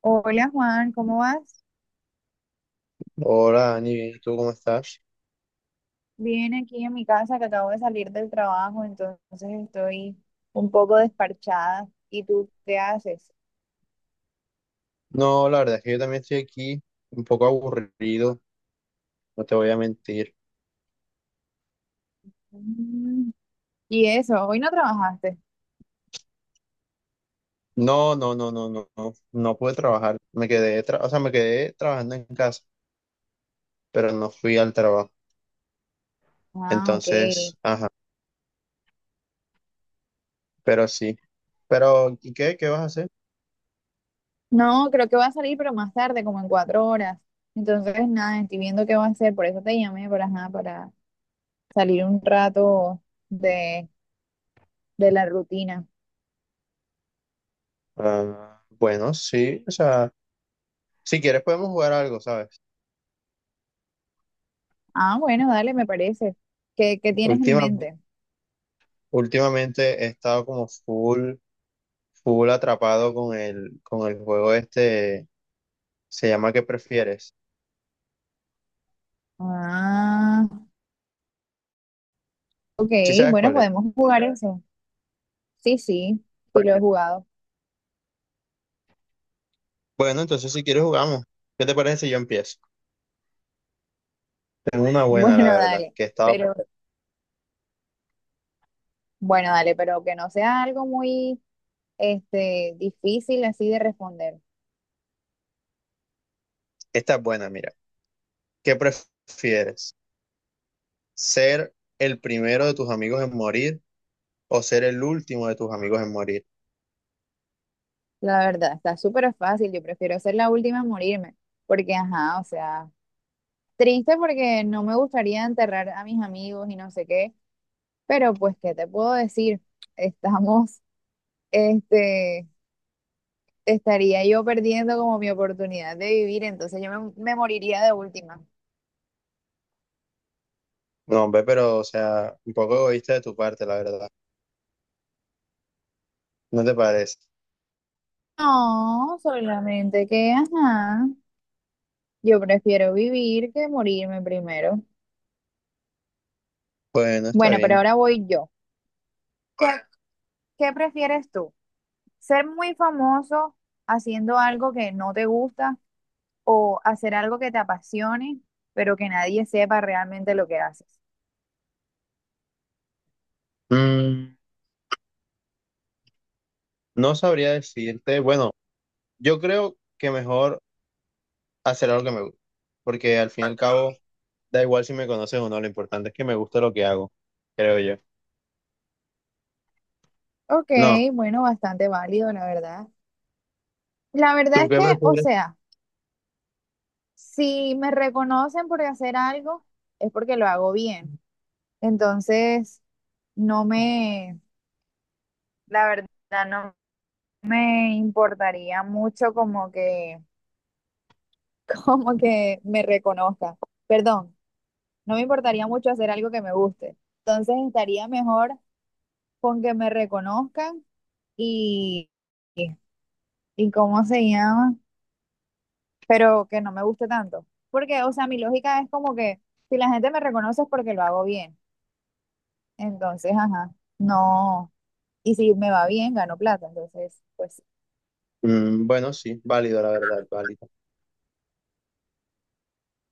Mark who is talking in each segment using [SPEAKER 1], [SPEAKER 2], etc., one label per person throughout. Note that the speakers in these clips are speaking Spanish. [SPEAKER 1] Hola Juan, ¿cómo vas?
[SPEAKER 2] Hola, Dani, bien, ¿y tú cómo estás?
[SPEAKER 1] Bien aquí en mi casa que acabo de salir del trabajo, entonces estoy un poco desparchada. ¿Y tú qué haces?
[SPEAKER 2] No, la verdad es que yo también estoy aquí un poco aburrido, no te voy a mentir.
[SPEAKER 1] Mm. ¿Y eso? ¿Hoy no trabajaste?
[SPEAKER 2] No, no, no, no, no, no, no pude trabajar. Me quedé, o sea, me quedé trabajando en casa, pero no fui al trabajo.
[SPEAKER 1] Ah, ok.
[SPEAKER 2] Entonces, ajá, pero sí. Pero, ¿y qué? ¿Qué vas a hacer?
[SPEAKER 1] No, creo que va a salir, pero más tarde, como en 4 horas. Entonces, nada, estoy viendo qué va a hacer, por eso te llamé para, ajá, para salir un rato de, de la rutina.
[SPEAKER 2] Ah, bueno, sí, o sea, si quieres podemos jugar algo, ¿sabes?
[SPEAKER 1] Ah, bueno, dale, me parece. ¿Qué tienes en
[SPEAKER 2] Últimamente,
[SPEAKER 1] mente?
[SPEAKER 2] últimamente he estado como full atrapado con con el juego este, se llama ¿Qué prefieres?
[SPEAKER 1] Ah, ok,
[SPEAKER 2] Sí sabes
[SPEAKER 1] bueno,
[SPEAKER 2] cuál es.
[SPEAKER 1] podemos jugar eso. Sí, sí, sí lo he jugado.
[SPEAKER 2] Bueno, entonces si quieres jugamos. ¿Qué te parece si yo empiezo? Tengo una buena, la
[SPEAKER 1] Bueno,
[SPEAKER 2] verdad,
[SPEAKER 1] dale,
[SPEAKER 2] que estaba…
[SPEAKER 1] pero bueno, dale, pero que no sea algo muy difícil así de responder.
[SPEAKER 2] Esta es buena, mira. ¿Qué prefieres? ¿Ser el primero de tus amigos en morir o ser el último de tus amigos en morir?
[SPEAKER 1] La verdad, está súper fácil. Yo prefiero ser la última en morirme, porque ajá, o sea, triste porque no me gustaría enterrar a mis amigos y no sé qué, pero pues ¿qué te puedo decir? Estamos este Estaría yo perdiendo como mi oportunidad de vivir, entonces yo me moriría de última.
[SPEAKER 2] No, hombre, pero, o sea, un poco egoísta de tu parte, la verdad. ¿No te parece?
[SPEAKER 1] No, solamente que, ajá. Yo prefiero vivir que morirme primero.
[SPEAKER 2] Bueno, está
[SPEAKER 1] Bueno, pero
[SPEAKER 2] bien.
[SPEAKER 1] ahora voy yo. ¿Qué prefieres tú? ¿Ser muy famoso haciendo algo que no te gusta o hacer algo que te apasione, pero que nadie sepa realmente lo que haces?
[SPEAKER 2] Mm, no sabría decirte. Bueno, yo creo que mejor hacer algo que me gusta. Porque al fin y al cabo, da igual si me conoces o no, lo importante es que me guste lo que hago, creo yo.
[SPEAKER 1] Ok,
[SPEAKER 2] No,
[SPEAKER 1] bueno, bastante válido, la verdad. La verdad
[SPEAKER 2] ¿tú
[SPEAKER 1] es
[SPEAKER 2] qué
[SPEAKER 1] que, o
[SPEAKER 2] prefieres?
[SPEAKER 1] sea, si me reconocen por hacer algo, es porque lo hago bien. Entonces, no me, la verdad, no me importaría mucho como que me reconozca. Perdón, no me importaría mucho hacer algo que me guste. Entonces estaría mejor con que me reconozcan y, y, y cómo se llama, pero que no me guste tanto. Porque, o sea, mi lógica es como que si la gente me reconoce es porque lo hago bien. Entonces, ajá, no. Y si me va bien, gano plata. Entonces, pues
[SPEAKER 2] Mm, bueno, sí, válido, la verdad, válido.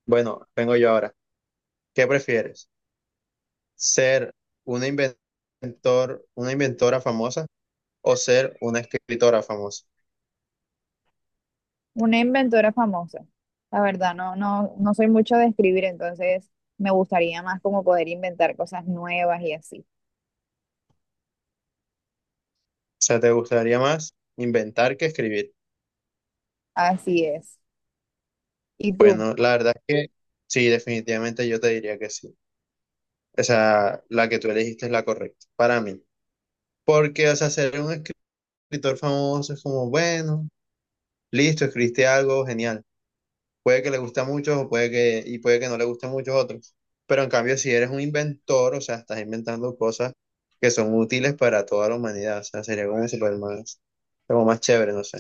[SPEAKER 2] Bueno, vengo yo ahora. ¿Qué prefieres? ¿Ser una inventor, una inventora famosa o ser una escritora famosa?
[SPEAKER 1] una inventora famosa. La verdad, no, no, no soy mucho de escribir, entonces me gustaría más como poder inventar cosas nuevas y así.
[SPEAKER 2] O sea, ¿te gustaría más inventar que escribir?
[SPEAKER 1] Así es. ¿Y tú?
[SPEAKER 2] Bueno, la verdad es que sí, definitivamente yo te diría que sí. O sea, la que tú elegiste es la correcta para mí. Porque, o sea, ser un escritor famoso es como, bueno, listo, escribiste algo, genial. Puede que le guste a muchos y puede que no le guste a muchos otros. Pero en cambio, si eres un inventor, o sea, estás inventando cosas que son útiles para toda la humanidad, o sea, sería como super más, como más chévere, no sé.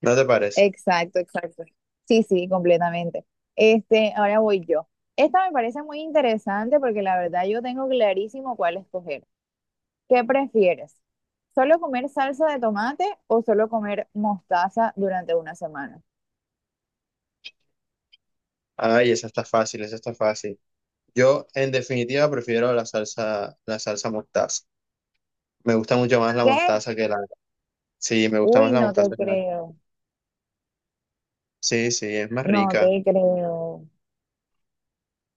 [SPEAKER 2] ¿No te parece?
[SPEAKER 1] Exacto, exacto. Sí, sí, completamente. Ahora voy yo. Esta me parece muy interesante porque la verdad yo tengo clarísimo cuál escoger. ¿Qué prefieres? ¿Solo comer salsa de tomate o solo comer mostaza durante una semana?
[SPEAKER 2] Ay, esa está fácil, esa está fácil. Yo, en definitiva, prefiero la salsa mostaza. Me gusta mucho más la
[SPEAKER 1] ¿Qué?
[SPEAKER 2] mostaza que la… Sí, me gusta
[SPEAKER 1] Uy,
[SPEAKER 2] más la
[SPEAKER 1] no te
[SPEAKER 2] mostaza que la…
[SPEAKER 1] creo.
[SPEAKER 2] Sí, sí, es más
[SPEAKER 1] No te
[SPEAKER 2] rica.
[SPEAKER 1] creo.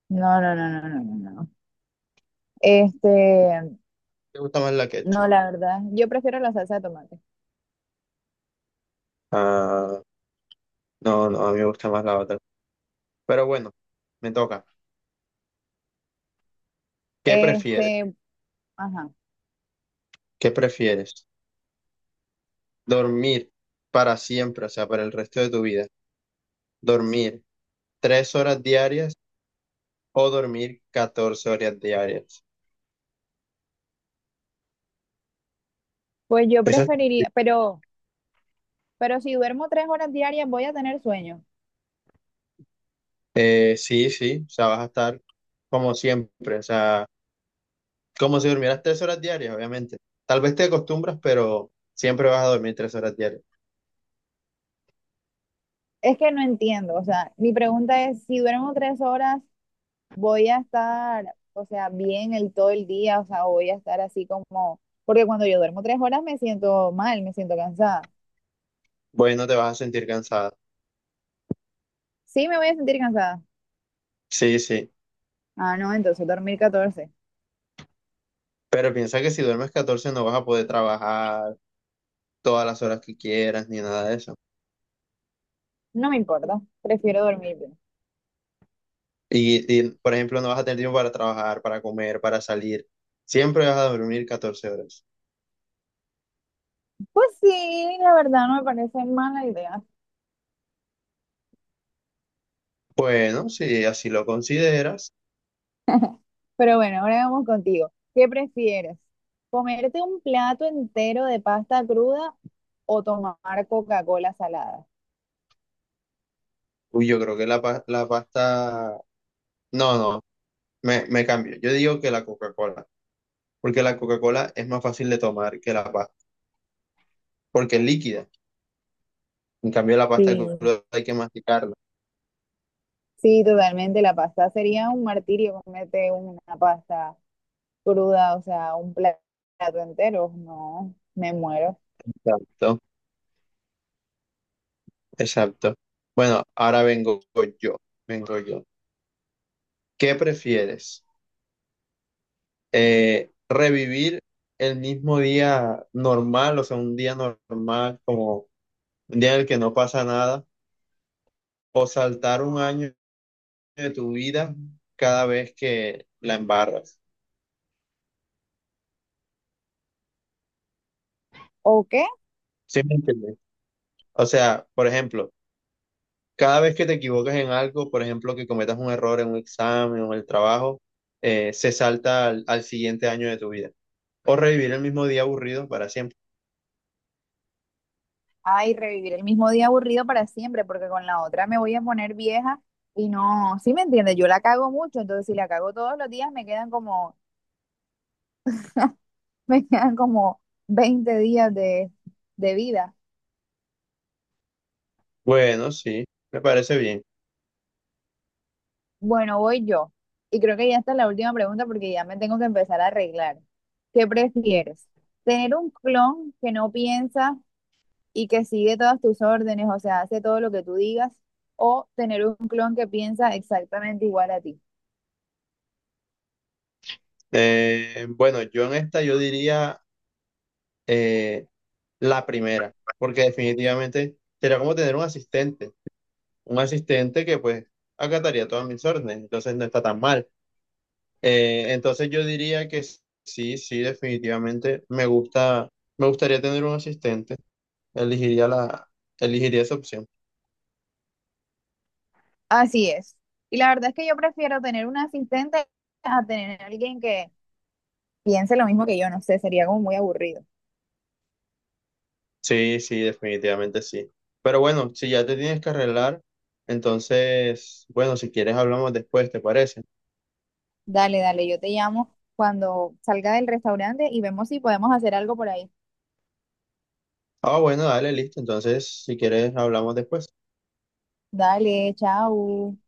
[SPEAKER 1] No, no, no, no, no, no, no. Este,
[SPEAKER 2] Me gusta más la
[SPEAKER 1] no,
[SPEAKER 2] ketchup.
[SPEAKER 1] la verdad, yo prefiero la salsa de tomate.
[SPEAKER 2] Ah, no, no, a mí me gusta más la otra. Pero bueno, me toca. ¿Qué prefieres?
[SPEAKER 1] Este, ajá.
[SPEAKER 2] ¿Qué prefieres? ¿Dormir para siempre, o sea, para el resto de tu vida? ¿Dormir 3 horas diarias o dormir 14 horas diarias?
[SPEAKER 1] Pues yo
[SPEAKER 2] Esa-
[SPEAKER 1] preferiría, pero si duermo 3 horas diarias voy a tener sueño.
[SPEAKER 2] sí, sí, o sea, vas a estar como siempre, o sea, como si durmieras 3 horas diarias, obviamente. Tal vez te acostumbras, pero siempre vas a dormir 3 horas diarias.
[SPEAKER 1] Es que no entiendo, o sea, mi pregunta es, si duermo 3 horas, voy a estar, o sea, bien el todo el día, o sea, voy a estar así como, porque cuando yo duermo 3 horas me siento mal, me siento cansada.
[SPEAKER 2] Bueno, te vas a sentir cansada.
[SPEAKER 1] Sí, me voy a sentir cansada.
[SPEAKER 2] Sí, sí.
[SPEAKER 1] Ah, no, entonces dormir 14.
[SPEAKER 2] Pero piensa que si duermes 14 no vas a poder trabajar todas las horas que quieras ni nada de eso.
[SPEAKER 1] No me importa, prefiero dormir.
[SPEAKER 2] Y, por ejemplo, no vas a tener tiempo para trabajar, para comer, para salir. Siempre vas a dormir 14 horas.
[SPEAKER 1] Pues sí, la verdad no me parece mala idea.
[SPEAKER 2] Bueno, si así lo consideras,
[SPEAKER 1] Pero bueno, ahora vamos contigo. ¿Qué prefieres? ¿Comerte un plato entero de pasta cruda o tomar Coca-Cola salada?
[SPEAKER 2] uy, yo creo que la pasta… No, no, me cambio. Yo digo que la Coca-Cola, porque la Coca-Cola es más fácil de tomar que la pasta, porque es líquida. En cambio, la pasta de
[SPEAKER 1] Sí,
[SPEAKER 2] crudo hay que masticarla.
[SPEAKER 1] sí, totalmente. La pasta sería un martirio comerte una pasta cruda, o sea, un plato entero. No, me muero.
[SPEAKER 2] Exacto, exacto. Bueno, ahora vengo yo, vengo yo. ¿Qué prefieres? Eh, revivir el mismo día normal, o sea, un día normal, como un día en el que no pasa nada, o saltar un año de tu vida cada vez que la embarras.
[SPEAKER 1] ¿O qué?
[SPEAKER 2] ¿Sí me entiendes? O sea, por ejemplo, cada vez que te equivocas en algo, por ejemplo, que cometas un error en un examen o en el trabajo, se salta al siguiente año de tu vida. O revivir el mismo día aburrido para siempre.
[SPEAKER 1] Ay, revivir el mismo día aburrido para siempre, porque con la otra me voy a poner vieja y no, sí me entiendes, yo la cago mucho, entonces si la cago todos los días me quedan como me quedan como 20 días de vida.
[SPEAKER 2] Bueno, sí, me parece bien.
[SPEAKER 1] Bueno, voy yo. Y creo que ya está la última pregunta porque ya me tengo que empezar a arreglar. ¿Qué prefieres? ¿Tener un clon que no piensa y que sigue todas tus órdenes, o sea, hace todo lo que tú digas? ¿O tener un clon que piensa exactamente igual a ti?
[SPEAKER 2] Bueno, yo en esta yo diría eh, la primera, porque definitivamente sería como tener un asistente que pues acataría todas mis órdenes, entonces no está tan mal. Entonces yo diría que sí, definitivamente me gusta, me gustaría tener un asistente, elegiría la, elegiría esa opción.
[SPEAKER 1] Así es. Y la verdad es que yo prefiero tener un asistente a tener a alguien que piense lo mismo que yo. No sé, sería como muy aburrido.
[SPEAKER 2] Sí, sí, definitivamente sí. Pero bueno, si ya te tienes que arreglar, entonces, bueno, si quieres hablamos después, ¿te parece?
[SPEAKER 1] Dale, dale, yo te llamo cuando salga del restaurante y vemos si podemos hacer algo por ahí.
[SPEAKER 2] Ah, bueno, dale, listo. Entonces, si quieres, hablamos después.
[SPEAKER 1] Dale, chao.